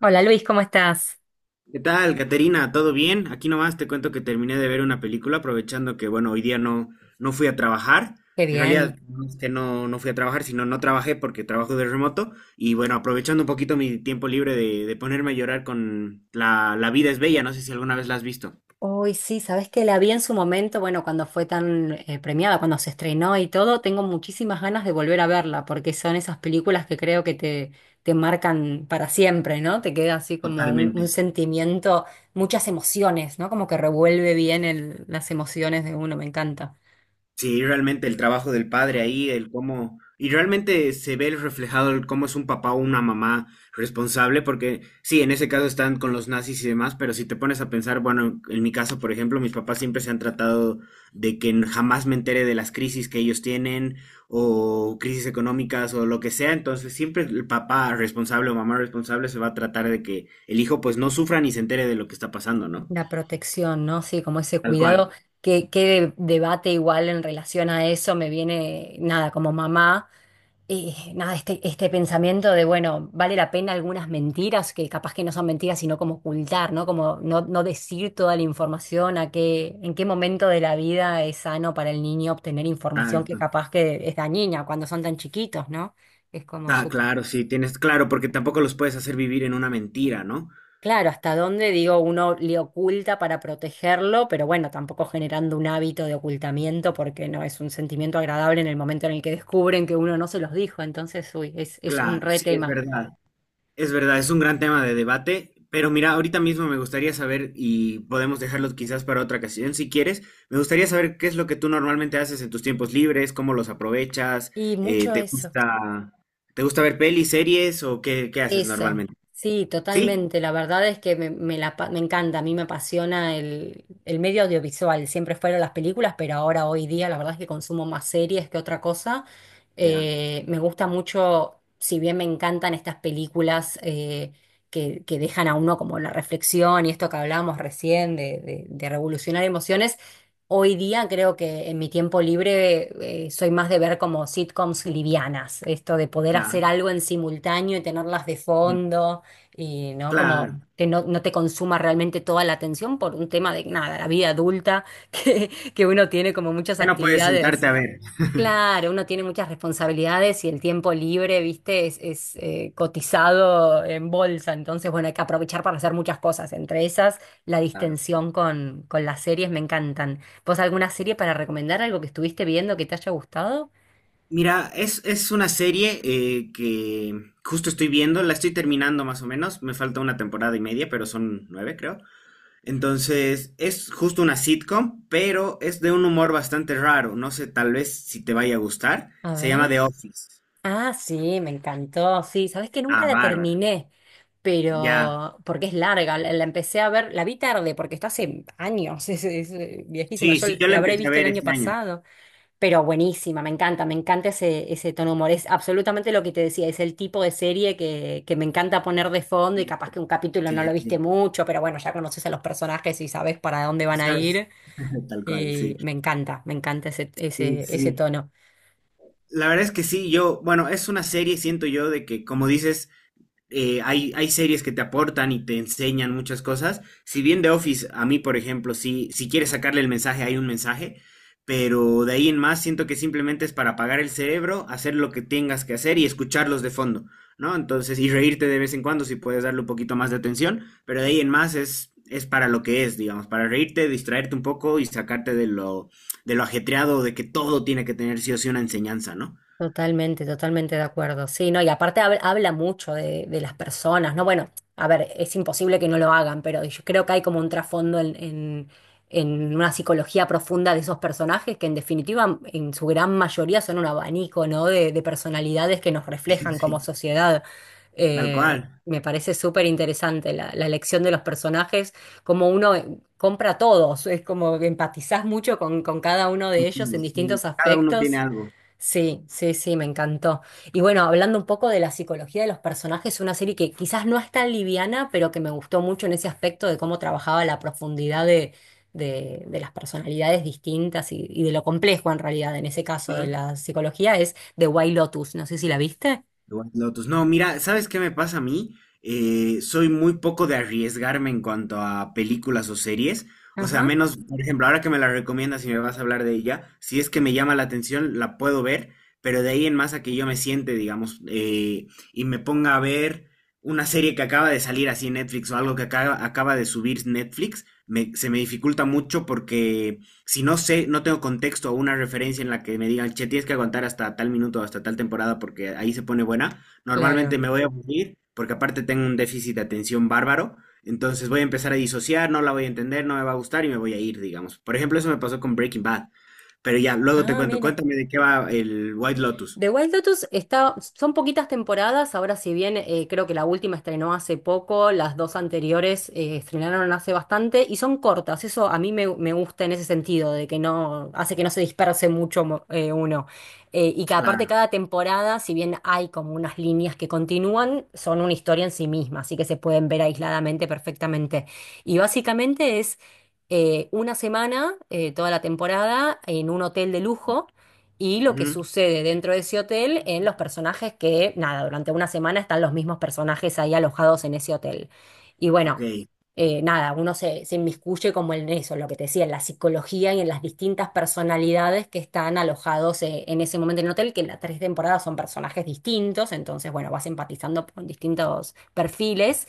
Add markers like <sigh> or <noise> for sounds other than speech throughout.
Hola Luis, ¿cómo estás? ¿Qué tal, Caterina? ¿Todo bien? Aquí nomás te cuento que terminé de ver una película, aprovechando que, bueno, hoy día no fui a trabajar. Qué En realidad, bien. no es que no fui a trabajar, sino no trabajé porque trabajo de remoto. Y bueno, aprovechando un poquito mi tiempo libre de ponerme a llorar con La vida es bella. No sé si alguna vez la has visto. Uy, sí, sabes que la vi en su momento, bueno, cuando fue tan premiada, cuando se estrenó y todo, tengo muchísimas ganas de volver a verla, porque son esas películas que creo que te marcan para siempre, ¿no? Te queda así como Totalmente. un sentimiento, muchas emociones, ¿no? Como que revuelve bien las emociones de uno, me encanta. Sí, realmente el trabajo del padre ahí, el cómo, y realmente se ve el reflejado el cómo es un papá o una mamá responsable, porque sí, en ese caso están con los nazis y demás, pero si te pones a pensar, bueno, en mi caso, por ejemplo, mis papás siempre se han tratado de que jamás me entere de las crisis que ellos tienen o crisis económicas o lo que sea, entonces siempre el papá responsable o mamá responsable se va a tratar de que el hijo pues no sufra ni se entere de lo que está pasando, ¿no? La protección, ¿no? Sí, como ese Tal cual. cuidado. Que qué debate igual en relación a eso me viene, nada, como mamá. Nada, este, Este pensamiento de, bueno, vale la pena algunas mentiras, que capaz que no son mentiras, sino como ocultar, ¿no? Como no decir toda la información, en qué momento de la vida es sano para el niño obtener Ah. información que capaz que es dañina cuando son tan chiquitos, ¿no? Es como Ah, súper... claro, sí, tienes, claro, porque tampoco los puedes hacer vivir en una mentira, ¿no? Claro, hasta dónde, digo, uno le oculta para protegerlo, pero bueno, tampoco generando un hábito de ocultamiento porque no es un sentimiento agradable en el momento en el que descubren que uno no se los dijo, entonces, uy, es un Claro, re sí, es tema. verdad. Es verdad, es un gran tema de debate, pero mira, ahorita mismo me gustaría saber, y podemos dejarlo quizás para otra ocasión si quieres, me gustaría saber qué es lo que tú normalmente haces en tus tiempos libres, cómo los aprovechas, Y eh, mucho ¿te eso. gusta, te gusta ver pelis, series o qué, qué haces Eso, normalmente? sí, ¿Sí? totalmente. La verdad es que me encanta, a mí me apasiona el medio audiovisual. Siempre fueron las películas, pero ahora, hoy día, la verdad es que consumo más series que otra cosa. Ya, Me gusta mucho, si bien me encantan estas películas que dejan a uno como la reflexión y esto que hablábamos recién de revolucionar emociones. Hoy día creo que en mi tiempo libre soy más de ver como sitcoms livianas, esto de poder hacer ya. algo en simultáneo y tenerlas de Mm. fondo y no como Claro, que no te consuma realmente toda la atención por un tema de nada, la vida adulta <laughs> que, que uno tiene como muchas ya no puedes actividades. sentarte a ver. <laughs> Claro, uno tiene muchas responsabilidades y el tiempo libre, viste, cotizado en bolsa. Entonces, bueno, hay que aprovechar para hacer muchas cosas. Entre esas, la Claro. distensión con las series me encantan. ¿Vos alguna serie para recomendar? ¿Algo que estuviste viendo que te haya gustado? Mira, es una serie que justo estoy viendo, la estoy terminando más o menos, me falta una temporada y media, pero son nueve creo. Entonces, es justo una sitcom, pero es de un humor bastante raro, no sé tal vez si te vaya a gustar. A Se llama ver. The Office. Ah, sí, me encantó. Sí, sabés que nunca Ah, la bárbara. terminé, Ya. pero porque es larga. La empecé a ver, la vi tarde porque está hace años, <laughs> viejísima. Sí, Yo sí, yo la la habré empecé a visto el ver año este año. pasado. Pero buenísima, me encanta ese tono de humor. Es absolutamente lo que te decía, es el tipo de serie que me encanta poner de fondo y capaz que un capítulo no Sí, lo viste sí, mucho, pero bueno, ya conoces a los personajes y sabes para dónde van a sabes, ir. <laughs> tal cual, sí. Y me encanta Sí, ese sí. tono. La verdad es que sí, yo, bueno, es una serie, siento yo, de que, como dices, hay, hay series que te aportan y te enseñan muchas cosas. Si bien The Office, a mí, por ejemplo, sí, si quieres sacarle el mensaje, hay un mensaje, pero de ahí en más siento que simplemente es para apagar el cerebro, hacer lo que tengas que hacer y escucharlos de fondo, ¿no? Entonces, y reírte de vez en cuando si puedes darle un poquito más de atención, pero de ahí en más es para lo que es, digamos, para reírte, distraerte un poco y sacarte de de lo ajetreado de que todo tiene que tener sí o sí una enseñanza, ¿no? Totalmente, totalmente de acuerdo. Sí, no, y aparte habla mucho de las personas, ¿no? Bueno, a ver, es imposible que no lo hagan, pero yo creo que hay como un trasfondo en una psicología profunda de esos personajes que en definitiva, en su gran mayoría, son un abanico, ¿no? De personalidades que nos reflejan como Sí. sociedad. Tal cual. Me parece súper interesante la elección de los personajes, como uno compra a todos, es como que empatizás mucho con cada uno de ellos en Sí. distintos Cada uno tiene aspectos. algo. Sí, sí, sí, me encantó. Y bueno, hablando un poco de la psicología de los personajes, una serie que quizás no es tan liviana, pero que me gustó mucho en ese aspecto de cómo trabajaba la profundidad de las personalidades distintas y de lo complejo en realidad, en ese caso de ¿Mm? la psicología, es The White Lotus. No sé si la viste. The White Lotus. No, mira, ¿sabes qué me pasa a mí? Soy muy poco de arriesgarme en cuanto a películas o series. O sea, Ajá, menos, por ejemplo, ahora que me la recomiendas y me vas a hablar de ella, si es que me llama la atención, la puedo ver, pero de ahí en más a que yo me siente, digamos, y me ponga a ver una serie que acaba de salir así en Netflix o algo que acaba de subir Netflix, se me dificulta mucho porque si no sé, no tengo contexto o una referencia en la que me digan, che, tienes que aguantar hasta tal minuto hasta tal temporada porque ahí se pone buena, normalmente claro. me voy a aburrir porque aparte tengo un déficit de atención bárbaro, entonces voy a empezar a disociar, no la voy a entender, no me va a gustar y me voy a ir, digamos. Por ejemplo, eso me pasó con Breaking Bad, pero ya, luego te Ah, cuento, mira. cuéntame de qué va el White Lotus. The White Lotus está, son poquitas temporadas, ahora si bien creo que la última estrenó hace poco, las dos anteriores estrenaron hace bastante y son cortas, eso a mí me gusta en ese sentido, de que no, hace que no se disperse mucho uno. Y que aparte Claro. cada temporada, si bien hay como unas líneas que continúan, son una historia en sí misma, así que se pueden ver aisladamente perfectamente. Y básicamente es una semana, toda la temporada, en un hotel de lujo y lo que Ujú. sucede dentro de ese hotel en los personajes que, nada, durante una semana están los mismos personajes ahí alojados en ese hotel. Y Ok, bueno, nada, se inmiscuye como en eso, lo que te decía, en la psicología y en las distintas personalidades que están alojados en ese momento en el hotel, que en las tres temporadas son personajes distintos, entonces, bueno, vas empatizando con distintos perfiles.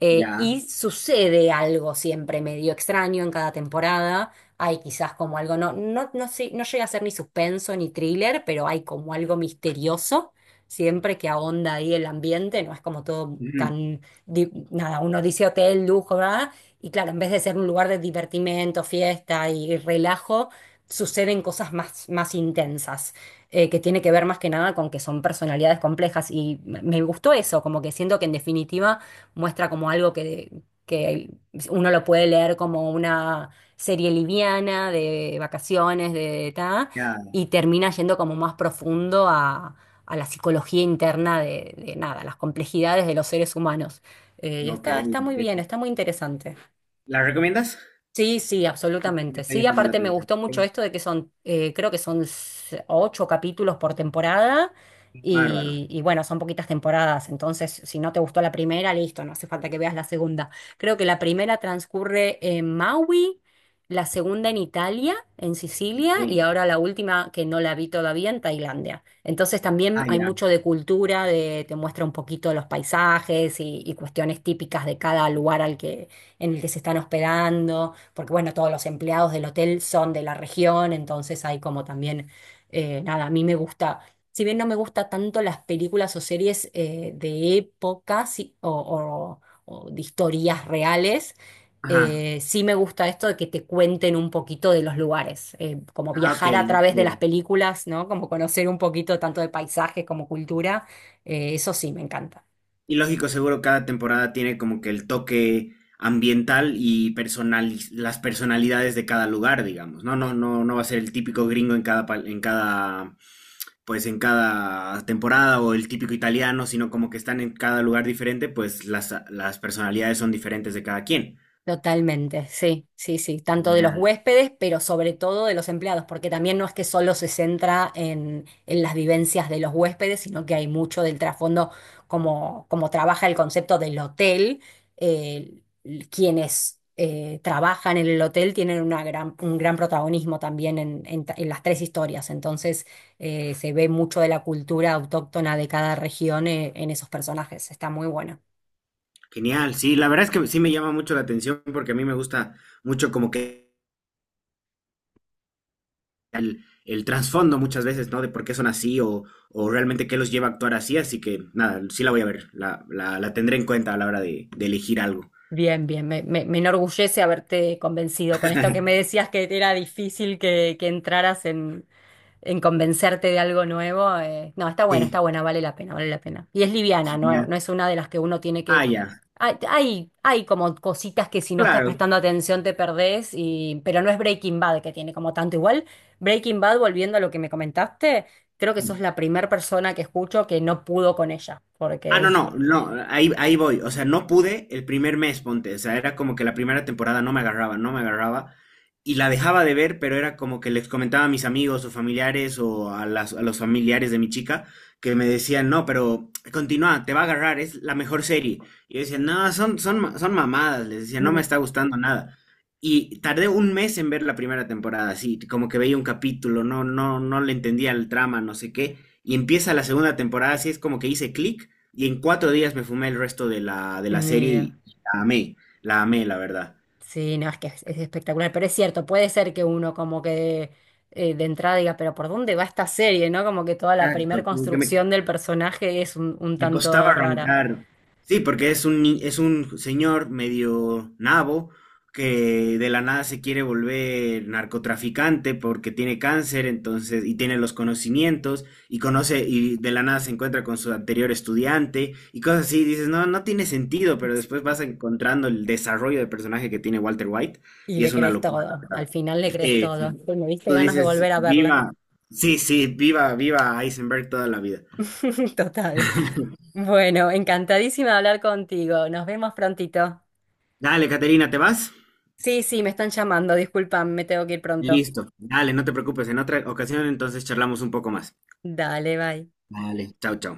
ya. Y sucede algo siempre medio extraño en cada temporada. Hay quizás como algo, no sé, no llega a ser ni suspenso ni thriller, pero hay como algo misterioso. Siempre que ahonda ahí el ambiente, no es como todo Ujú. tan, nada, uno dice hotel, lujo, ¿verdad? Y claro, en vez de ser un lugar de divertimento, fiesta y relajo, suceden cosas más intensas, que tiene que ver más que nada con que son personalidades complejas. Y me gustó eso, como que siento que en definitiva muestra como algo que uno lo puede leer como una serie liviana, de vacaciones, de ta, Ya, y termina yendo como más profundo a la psicología interna de nada, las complejidades de los seres humanos. Y ok. Está muy bien, Ok. está muy interesante. ¿La recomiendas? Sí, sí, Me absolutamente. está Sí, llamando la aparte me atención. gustó Ok. mucho esto de que son, creo que son ocho capítulos por temporada Bárbaro. Y bueno, son poquitas temporadas, entonces si no te gustó la primera, listo, no hace falta que veas la segunda. Creo que la primera transcurre en Maui, la segunda en Italia, en Sicilia Ok. y ahora la última que no la vi todavía en Tailandia. Entonces también Ah, hay ya. mucho de cultura, de, te muestra un poquito los paisajes y cuestiones típicas de cada lugar al que, en el que se están hospedando porque bueno, todos los empleados del hotel son de la región, entonces hay como también, nada, a mí me gusta, si bien no me gusta tanto las películas o series de épocas sí, o de historias reales, Ajá. Sí me gusta esto de que te cuenten un poquito de los lugares, como Ah, ok, viajar a través de las ok. películas, ¿no? Como conocer un poquito tanto de paisajes como cultura, eso sí me encanta. Y lógico, seguro cada temporada tiene como que el toque ambiental y las personalidades de cada lugar, digamos. No, no, no, no va a ser el típico gringo en cada, en cada, pues en cada temporada o el típico italiano, sino como que están en cada lugar diferente, pues las personalidades son diferentes de cada quien. Totalmente, sí, sí, sí, tanto de los Genial. huéspedes, pero sobre todo de los empleados, porque también no es que solo se centra en las vivencias de los huéspedes, sino que hay mucho del trasfondo, como trabaja el concepto del hotel, eh, quienes trabajan en el hotel tienen un gran protagonismo también en las tres historias, entonces se ve mucho de la cultura autóctona de cada región en esos personajes, está muy bueno. Genial, sí, la verdad es que sí me llama mucho la atención porque a mí me gusta mucho como que el trasfondo muchas veces, ¿no? De por qué son así o realmente qué los lleva a actuar así. Así que nada, sí la voy a ver, la tendré en cuenta a la hora de elegir algo. Bien, bien, me enorgullece haberte convencido con esto que me <laughs> decías que era difícil que entraras en convencerte de algo nuevo. No, Sí. está buena, vale la pena, vale la pena. Y es liviana, no es una de las que uno tiene Ah, que... ya, Hay como cositas que si no estás claro. prestando atención te perdés, y... pero no es Breaking Bad que tiene como tanto igual. Breaking Bad, volviendo a lo que me comentaste, creo que sos Sí. la primera persona que escucho que no pudo con ella, Ah, porque no, es... no, no, ahí, ahí voy. O sea, no pude el primer mes, ponte. O sea, era como que la primera temporada no me agarraba, no me agarraba. Y la dejaba de ver, pero era como que les comentaba a mis amigos o familiares o a a los familiares de mi chica que me decían, no, pero continúa, te va a agarrar, es la mejor serie. Y yo decía, no, son mamadas, les decía, no me Mm. está gustando nada. Y tardé un mes en ver la primera temporada, así, como que veía un capítulo, no le entendía el trama, no sé qué. Y empieza la segunda temporada, así es como que hice clic y en cuatro días me fumé el resto de de la serie Mira. y la amé, la amé, la verdad. Sí, no, es que es espectacular, pero es cierto, puede ser que uno como que de entrada diga, pero ¿por dónde va esta serie? ¿No? Como que toda la primer Exacto, como que construcción del personaje es un me costaba tanto rara. arrancar. Sí, porque es un, es un señor medio nabo que de la nada se quiere volver narcotraficante porque tiene cáncer, entonces, y tiene los conocimientos, y conoce, y de la nada se encuentra con su anterior estudiante, y cosas así, dices, no, no tiene sentido, pero después Sí. vas encontrando el desarrollo de personaje que tiene Walter White, Y y le es una crees locura, todo, la verdad. al final le crees Sí. todo. Pues me diste Tú ganas de dices, volver a verla. viva. Sí, sí, viva, viva Eisenberg toda la vida. <laughs> Total. Bueno, encantadísima de hablar contigo. Nos vemos prontito. Dale, Caterina, ¿te vas? Sí, sí, me están llamando, disculpan, me tengo que ir pronto. Listo. Dale, no te preocupes. En otra ocasión entonces charlamos un poco más. Dale, bye. Dale, chao, chao.